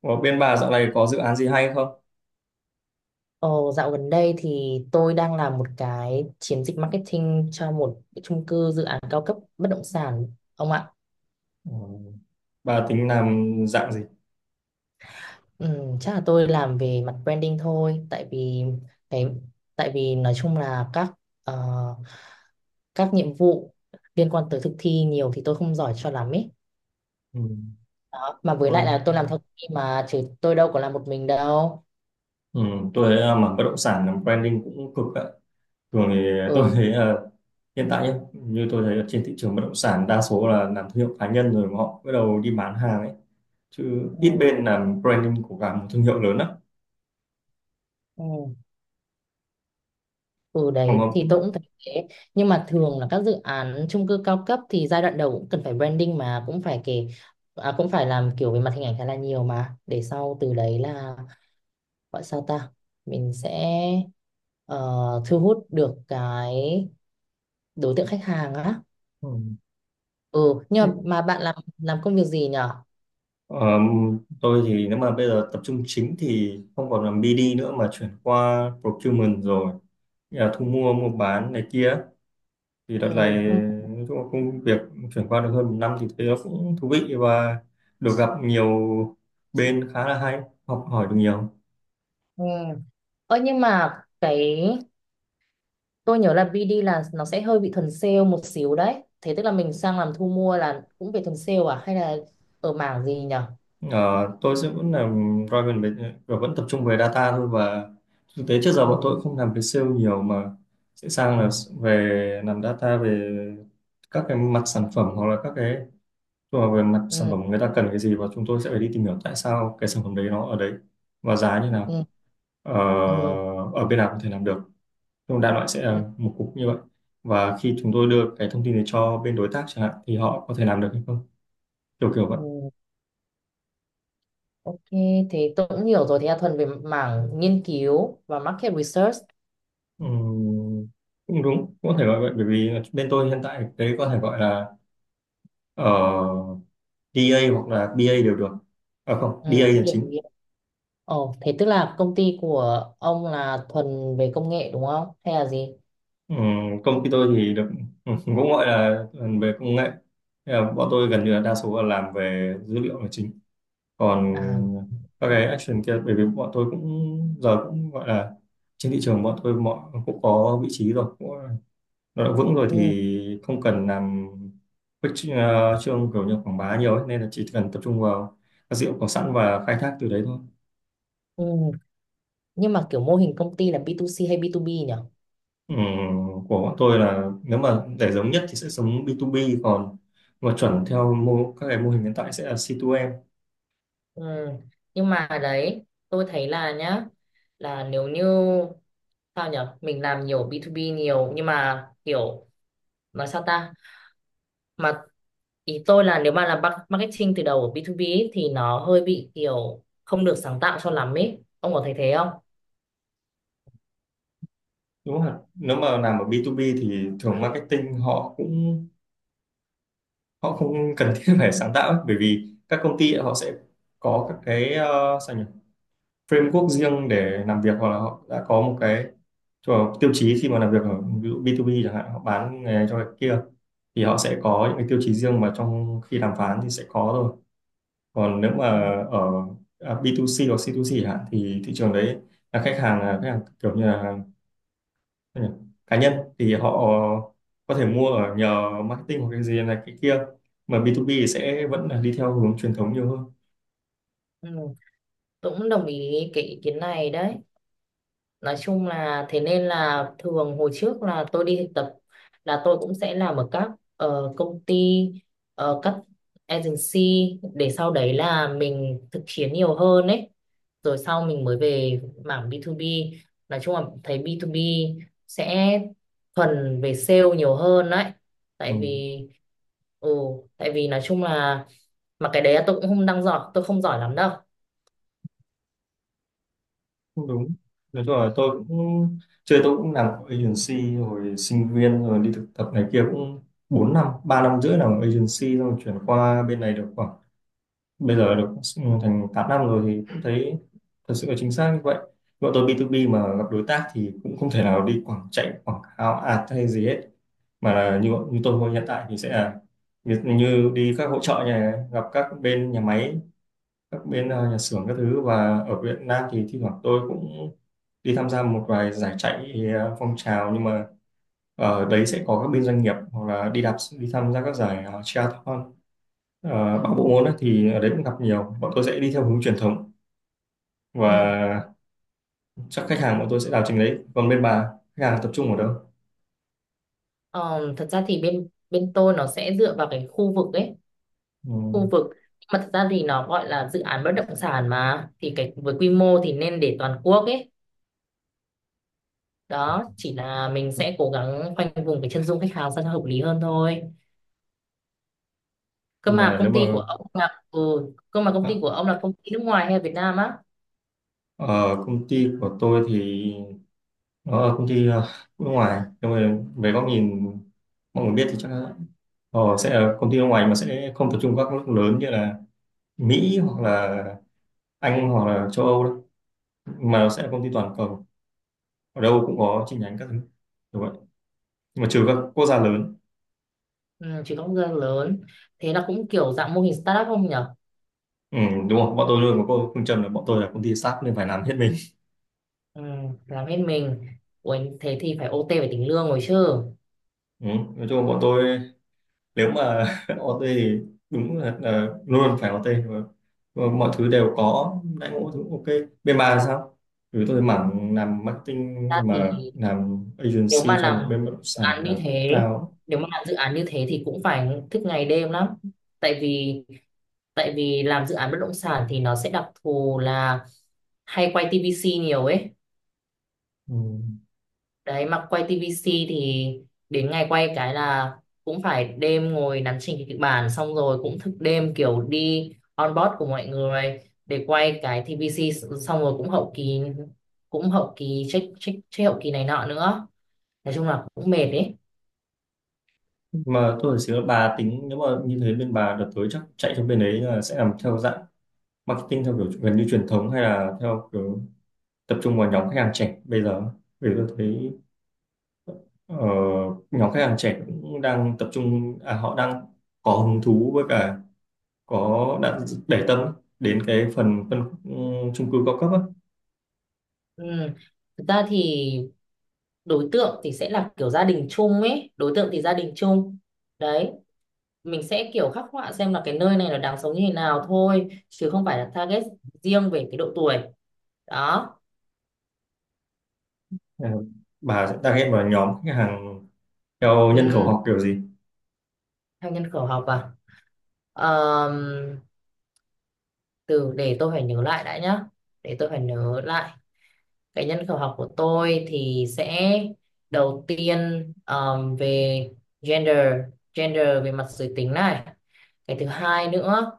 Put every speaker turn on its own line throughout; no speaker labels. Ở bên bà dạo này có dự án gì hay không?
Ồ, dạo gần đây thì tôi đang làm một cái chiến dịch marketing cho một cái chung cư dự án cao cấp bất động sản ông ạ.
Ừ. Bà tính làm dạng gì?
Ừ, chắc là tôi làm về mặt branding thôi, tại vì cái tại vì nói chung là ờ, các nhiệm vụ liên quan tới thực thi nhiều thì tôi không giỏi cho lắm ấy.
Ừ.
Đó. Mà với lại là
Brand.
tôi làm theo team mà chứ tôi đâu có làm một mình đâu.
Ừ. Tôi thấy là mảng bất động sản làm branding cũng cực ạ. Thường thì
Ừ.
tôi thấy là hiện tại nhé, như tôi thấy là trên thị trường bất động sản đa số là làm thương hiệu cá nhân rồi mà họ bắt đầu đi bán hàng ấy. Chứ ít
Ừ.
bên làm branding của cả một thương hiệu lớn lắm.
Ừ. Ừ
Còn mà
đấy thì tôi cũng thấy thế, nhưng mà thường là các dự án chung cư cao cấp thì giai đoạn đầu cũng cần phải branding, mà cũng phải cũng phải làm kiểu về mặt hình ảnh khá là nhiều, mà để sau từ đấy là, gọi sao ta, mình sẽ ờ, thu hút được cái đối tượng khách hàng á.
ừ.
Ừ, nhưng mà bạn làm công việc gì nhở?
Ờ, tôi thì nếu mà bây giờ tập trung chính thì không còn làm BD nữa mà chuyển qua procurement rồi, nghĩa là thu mua mua bán này kia. Thì đợt
ừ,
này
không-
nói chung là công việc chuyển qua được hơn một năm thì thấy nó cũng thú vị và được gặp nhiều bên khá là hay, học hỏi được nhiều.
ừ. Ơ nhưng mà cái Tôi nhớ là BD là nó sẽ hơi bị thuần sale một xíu đấy. Thế tức là mình sang làm thu mua là cũng về thuần sale à? Hay là ở mảng gì nhở?
Ờ, tôi sẽ vẫn làm Raven về và vẫn tập trung về data thôi, và thực tế trước giờ bọn tôi
Ừ.
cũng không làm về sale nhiều mà sẽ sang
Ừ.
là về làm data về các cái mặt sản phẩm hoặc là các cái, tức là về mặt sản
Ừ.
phẩm người ta cần cái gì và chúng tôi sẽ phải đi tìm hiểu tại sao cái sản phẩm đấy nó ở đấy và giá như nào.
Ừ.
Ờ,
Ừ.
Ở bên nào có thể làm được. Nhưng đại loại sẽ là
Ừ,
một cục như vậy, và khi chúng tôi đưa cái thông tin này cho bên đối tác chẳng hạn thì họ có thể làm được hay không, kiểu kiểu vậy.
ừ. Ok, thế tôi cũng hiểu rồi. Thế là thuần về mảng nghiên cứu và market research.
Ừm, Cũng đúng, cũng có thể gọi vậy, bởi vì bên tôi hiện tại đấy có thể gọi là uh, DA hoặc là BA đều được, à không,
Ừ.
DA
Tôi
là
hiểu, tôi
chính.
hiểu. Ồ, thế tức là công ty của ông là thuần về công nghệ đúng không? Hay là gì?
Ừm, Công ty tôi thì được cũng gọi là về công nghệ. Thế là bọn tôi gần như là đa số là làm về dữ liệu là chính, còn
À,
các cái action kia bởi vì bọn tôi cũng giờ cũng gọi là trên thị trường bọn tôi mọi cũng có vị trí rồi cũng, nó đã vững rồi
ừ.
thì không cần làm khuếch trương kiểu như quảng bá nhiều ấy, nên là chỉ cần tập trung vào các dữ liệu có sẵn và khai thác từ đấy thôi.
Ừ. Nhưng mà kiểu mô hình công ty là B2C hay B2B nhỉ?
Ừm, của bọn tôi là nếu mà để giống nhất thì sẽ giống B2B, còn mà chuẩn theo các cái mô hình hiện tại sẽ là C2M.
Ừ. Nhưng mà đấy, tôi thấy là nhá, là nếu như, sao nhở, mình làm nhiều B2B nhiều nhưng mà kiểu, nói sao ta, mà ý tôi là nếu mà làm marketing từ đầu ở B2B ấy, thì nó hơi bị kiểu không được sáng tạo cho lắm ấy, ông có thấy thế không?
Đúng không ạ, nếu mà làm ở B2B thì thường marketing họ cũng họ không cần thiết phải sáng tạo ấy, bởi vì các công ty ấy, họ sẽ có các cái sao nhỉ, framework riêng để làm việc, hoặc là họ đã có một cái cho tiêu chí khi mà làm việc ở ví dụ B2B chẳng hạn, họ bán nghề cho cái kia thì họ sẽ có những cái tiêu chí riêng mà trong khi đàm phán thì sẽ có thôi. Còn nếu mà
Ừ.
ở B2C hoặc C2C chẳng hạn thì thị trường đấy là khách hàng, là khách hàng kiểu như là. Ừ. Cá nhân thì họ có thể mua ở nhờ marketing hoặc cái gì này cái kia, mà B2B thì sẽ vẫn là đi theo hướng truyền thống nhiều hơn.
Ừ. Tôi cũng đồng ý cái ý kiến này đấy. Nói chung là thế, nên là thường hồi trước là tôi đi thực tập, là tôi cũng sẽ làm ở các công ty, các agency, để sau đấy là mình thực chiến nhiều hơn ấy, rồi sau mình mới về mảng B2B. Nói chung là thấy B2B sẽ thuần về sale nhiều hơn đấy,
Ừ.
tại vì ừ tại vì nói chung là, mà cái đấy là tôi cũng không đang giỏi, tôi không giỏi lắm đâu.
Cũng đúng, nói chung là tôi cũng chơi tôi cũng làm agency rồi, sinh viên rồi đi thực tập này kia cũng 4 năm, 3 năm rưỡi làm agency, xong rồi chuyển qua bên này được khoảng bây giờ được thành 8 năm rồi thì cũng thấy thật sự là chính xác như vậy. Bọn tôi B2B mà gặp đối tác thì cũng không thể nào đi chạy quảng cáo ad hay gì hết, mà là như như tôi hiện tại thì sẽ là như, như đi các hỗ trợ nhà gặp các bên nhà máy, các bên nhà xưởng các thứ, và ở Việt Nam thì thi thoảng tôi cũng đi tham gia một vài giải chạy phong trào, nhưng mà ở đấy sẽ có các bên doanh nghiệp, hoặc là đi đạp, đi tham gia các giải triathlon. Bằng bộ môn ấy, thì ở đấy cũng gặp nhiều, bọn tôi sẽ đi theo hướng truyền thống,
Ừ.
và chắc khách hàng bọn tôi sẽ đào trình đấy, còn bên bà khách hàng tập trung ở đâu.
Ờ, thật ra thì bên bên tôi nó sẽ dựa vào cái khu vực ấy,
Ừ,
khu vực. Nhưng mà thật ra thì nó gọi là dự án bất động sản mà, thì cái với quy mô thì nên để toàn quốc ấy, đó, chỉ là mình sẽ cố gắng khoanh vùng cái chân dung khách hàng sao cho hợp lý hơn thôi. cơ
nhưng
mà
mà nếu
công
mà
ty của ông là ừ, Cơ mà công
ờ,
ty của ông là công ty nước ngoài hay là Việt Nam á?
ở công ty của tôi thì công ty nước ngoài, nhưng mà về góc nhìn mọi người biết thì chắc là sẽ là công ty nước ngoài mà sẽ không tập trung các nước lớn như là Mỹ hoặc là Anh hoặc là châu Âu đâu, mà nó sẽ là công ty toàn cầu, ở đâu cũng có chi nhánh các thứ, đúng vậy, nhưng mà trừ các quốc gia lớn.
Ừ, chỉ có người lớn. Thế là cũng kiểu dạng mô hình startup không nhở?
Ừ, đúng không, bọn tôi luôn có cô phương châm là bọn tôi là công ty start nên phải làm hết mình.
Ừ, làm hết mình. Ủa, thế thì phải OT về tính lương rồi chứ.
Ừ. Nói chung là bọn tôi nếu mà OT thì đúng là, luôn luôn phải OT mà, và mọi thứ đều có đãi ngộ thứ, ok. Bên bà là sao, vì tôi mảng làm marketing
Thật ra
mà
thì,
làm
nếu mà
agency cho một
làm
bên bất động sản
án như
là
thế
cao.
nếu mà làm dự án như thế thì cũng phải thức ngày đêm lắm, tại vì tại vì làm dự án bất động sản thì nó sẽ đặc thù là hay quay TVC nhiều ấy.
Ừ.
Đấy, mà quay TVC thì đến ngày quay cái là cũng phải đêm ngồi nắn chỉnh cái kịch bản, xong rồi cũng thức đêm kiểu đi on board của mọi người để quay cái TVC, xong rồi cũng hậu kỳ check check check, hậu kỳ này nọ nữa, nói chung là cũng mệt ấy.
Mà tôi phải xíu là bà tính nếu mà như thế bên bà đợt tới chắc chạy cho bên đấy là sẽ làm theo dạng marketing theo kiểu gần như truyền thống hay là theo kiểu tập trung vào nhóm khách hàng trẻ bây giờ, vì tôi thấy Ờ, nhóm khách hàng trẻ cũng đang tập trung, họ đang có hứng thú với cả có đang để tâm đến cái phần phân khúc chung cư cao cấp á.
Ừ. Thực ra thì đối tượng thì sẽ là kiểu gia đình chung ấy, đối tượng thì gia đình chung, đấy, mình sẽ kiểu khắc họa xem là cái nơi này là đáng sống như thế nào thôi, chứ không phải là target riêng về cái độ tuổi, đó.
Ờ, bà sẽ target vào nhóm khách hàng theo nhân khẩu
Ừ.
học kiểu gì.
Theo nhân khẩu học à? Ờm, Từ, để tôi phải nhớ lại đã nhá, để tôi phải nhớ lại. Cái nhân khẩu học của tôi thì sẽ, đầu tiên, về gender gender về mặt giới tính này. cái thứ hai nữa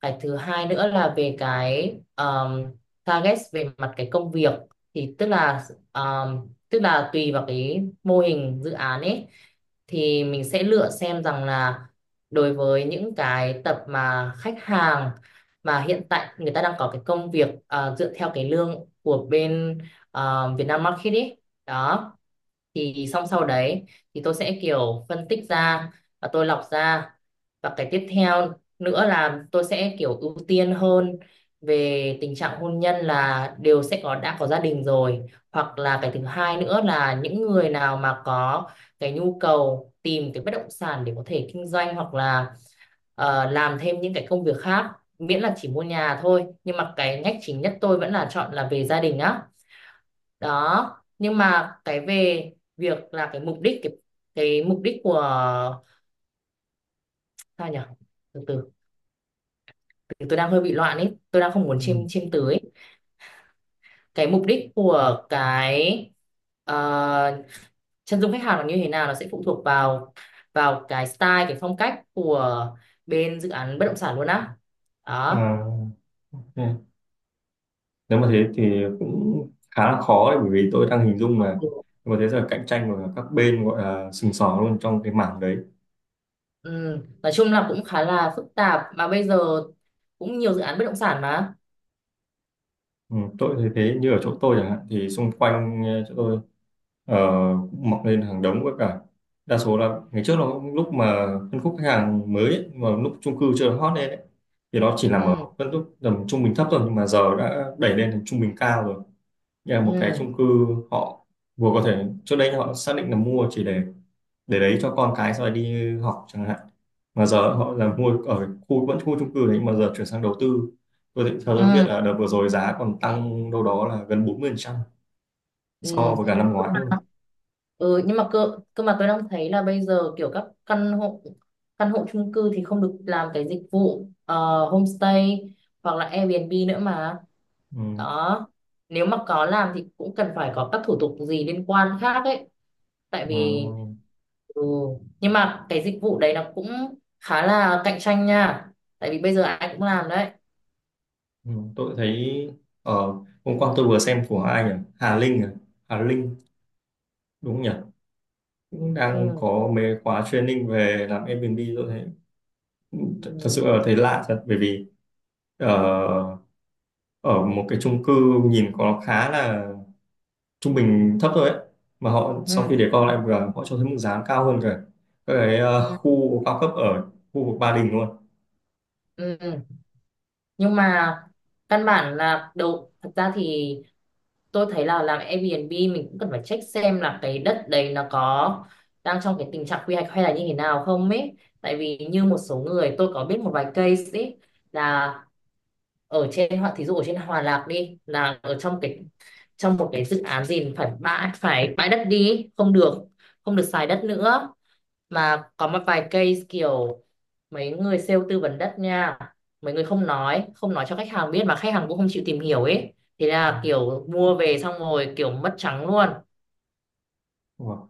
cái thứ hai nữa là về cái, target về mặt cái công việc, thì tức là, tức là tùy vào cái mô hình dự án ấy, thì mình sẽ lựa xem rằng là đối với những cái tập mà khách hàng mà hiện tại người ta đang có cái công việc, à, dựa theo cái lương của bên, à, Vietnam Market ấy, đó, thì xong sau đấy thì tôi sẽ kiểu phân tích ra và tôi lọc ra. Và cái tiếp theo nữa là tôi sẽ kiểu ưu tiên hơn về tình trạng hôn nhân, là đều sẽ có, đã có gia đình rồi, hoặc là cái thứ hai nữa là những người nào mà có cái nhu cầu tìm cái bất động sản để có thể kinh doanh, hoặc là làm thêm những cái công việc khác, miễn là chỉ mua nhà thôi, nhưng mà cái ngách chính nhất tôi vẫn là chọn là về gia đình á, đó. Nhưng mà cái về việc là cái mục đích của, sao nhỉ, từ từ, từ tôi đang hơi bị loạn ấy, tôi đang không muốn
Ừ.
chiêm chiêm từ ấy. Cái mục đích của cái, ờ, chân dung khách hàng là như thế nào nó sẽ phụ thuộc vào, vào cái style, cái phong cách của bên dự án bất động sản luôn á,
À,
đó.
ừ. Nếu mà thế thì cũng khá là khó đấy bởi vì tôi đang hình dung mà
Ừ.
có thế giờ cạnh tranh của các bên gọi là sừng sỏ luôn trong cái mảng đấy.
Ừ, nói chung là cũng khá là phức tạp, mà bây giờ cũng nhiều dự án bất động sản mà.
Ừ, tôi thấy thế như ở chỗ tôi chẳng hạn thì xung quanh chỗ tôi cũng mọc lên hàng đống với cả đa số là ngày trước nó lúc mà phân khúc khách hàng mới ấy, mà lúc chung cư chưa hot lên ấy, thì nó chỉ nằm ở
Ừ.
phân khúc tầm trung bình thấp thôi, nhưng mà giờ đã đẩy lên thành trung bình cao rồi. Như là một cái
Ừ.
chung cư họ vừa có thể trước đây họ xác định là mua chỉ để đấy cho con cái sau này đi học chẳng hạn, mà giờ họ là mua ở khu vẫn khu chung cư đấy mà giờ chuyển sang đầu tư. Theo tôi biết
Ừ.
là đợt vừa rồi giá còn tăng đâu đó là gần 40% so với cả năm
Ừ.
ngoái luôn.
Ừ, nhưng mà cơ cơ mà tôi đang thấy là bây giờ kiểu các căn hộ chung cư thì không được làm cái dịch vụ, homestay hoặc là Airbnb nữa mà,
Ừ.
đó. Nếu mà có làm thì cũng cần phải có các thủ tục gì liên quan khác ấy, tại
Ờ,
vì, ừ, nhưng mà cái dịch vụ đấy nó cũng khá là cạnh tranh nha, tại vì bây giờ ai cũng làm đấy.
ừ. Tôi thấy ở hôm qua tôi vừa xem của ai nhỉ, Hà Linh à? Hà Linh đúng không nhỉ, cũng đang
Ừ.
có mấy khóa training về làm Airbnb tôi thấy thật thật
Ừ.
sự là thấy lạ thật bởi vì ờ, ở một cái chung cư nhìn có khá là trung bình thấp thôi ấy, mà họ
Ừ.
sau khi để con lại vừa họ cho thấy mức giá cao hơn cả các cái
Ừ.
khu cao cấp ở khu vực Ba Đình luôn.
Ừ. Nhưng mà căn bản là đầu, thật ra thì tôi thấy là làm Airbnb mình cũng cần phải check xem là cái đất đấy nó có đang trong cái tình trạng quy hoạch hay là như thế nào không ấy, tại vì như một số người, tôi có biết một vài case ấy, là ở trên thí dụ ở trên Hòa Lạc đi, là ở trong cái, trong một cái dự án gì, phải bãi đất đi ấy, không được xài đất nữa, mà có một vài case kiểu, mấy người sale tư vấn đất nha, mấy người không nói cho khách hàng biết, mà khách hàng cũng không chịu tìm hiểu ấy, thế
Ừ.
là kiểu mua về xong rồi kiểu mất trắng luôn.
Đúng rồi.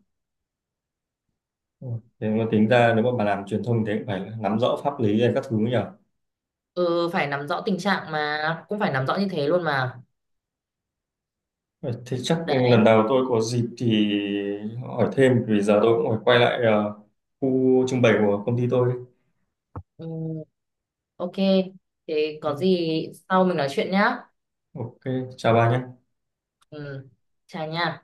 Đúng rồi. Thế mà tính ra nếu mà bà làm truyền thông thì cũng phải nắm rõ pháp lý hay các thứ nhỉ.
Ừ, phải nắm rõ tình trạng, mà cũng phải nắm rõ như thế luôn mà,
Ờ, Thế chắc
đấy.
lần đầu tôi có dịp thì hỏi thêm, vì giờ tôi cũng phải quay lại khu trưng bày của công ty tôi.
Ừ, ok, thế có gì sau mình nói chuyện nhá.
Ok, chào bà nhé.
Ừ, chào nha.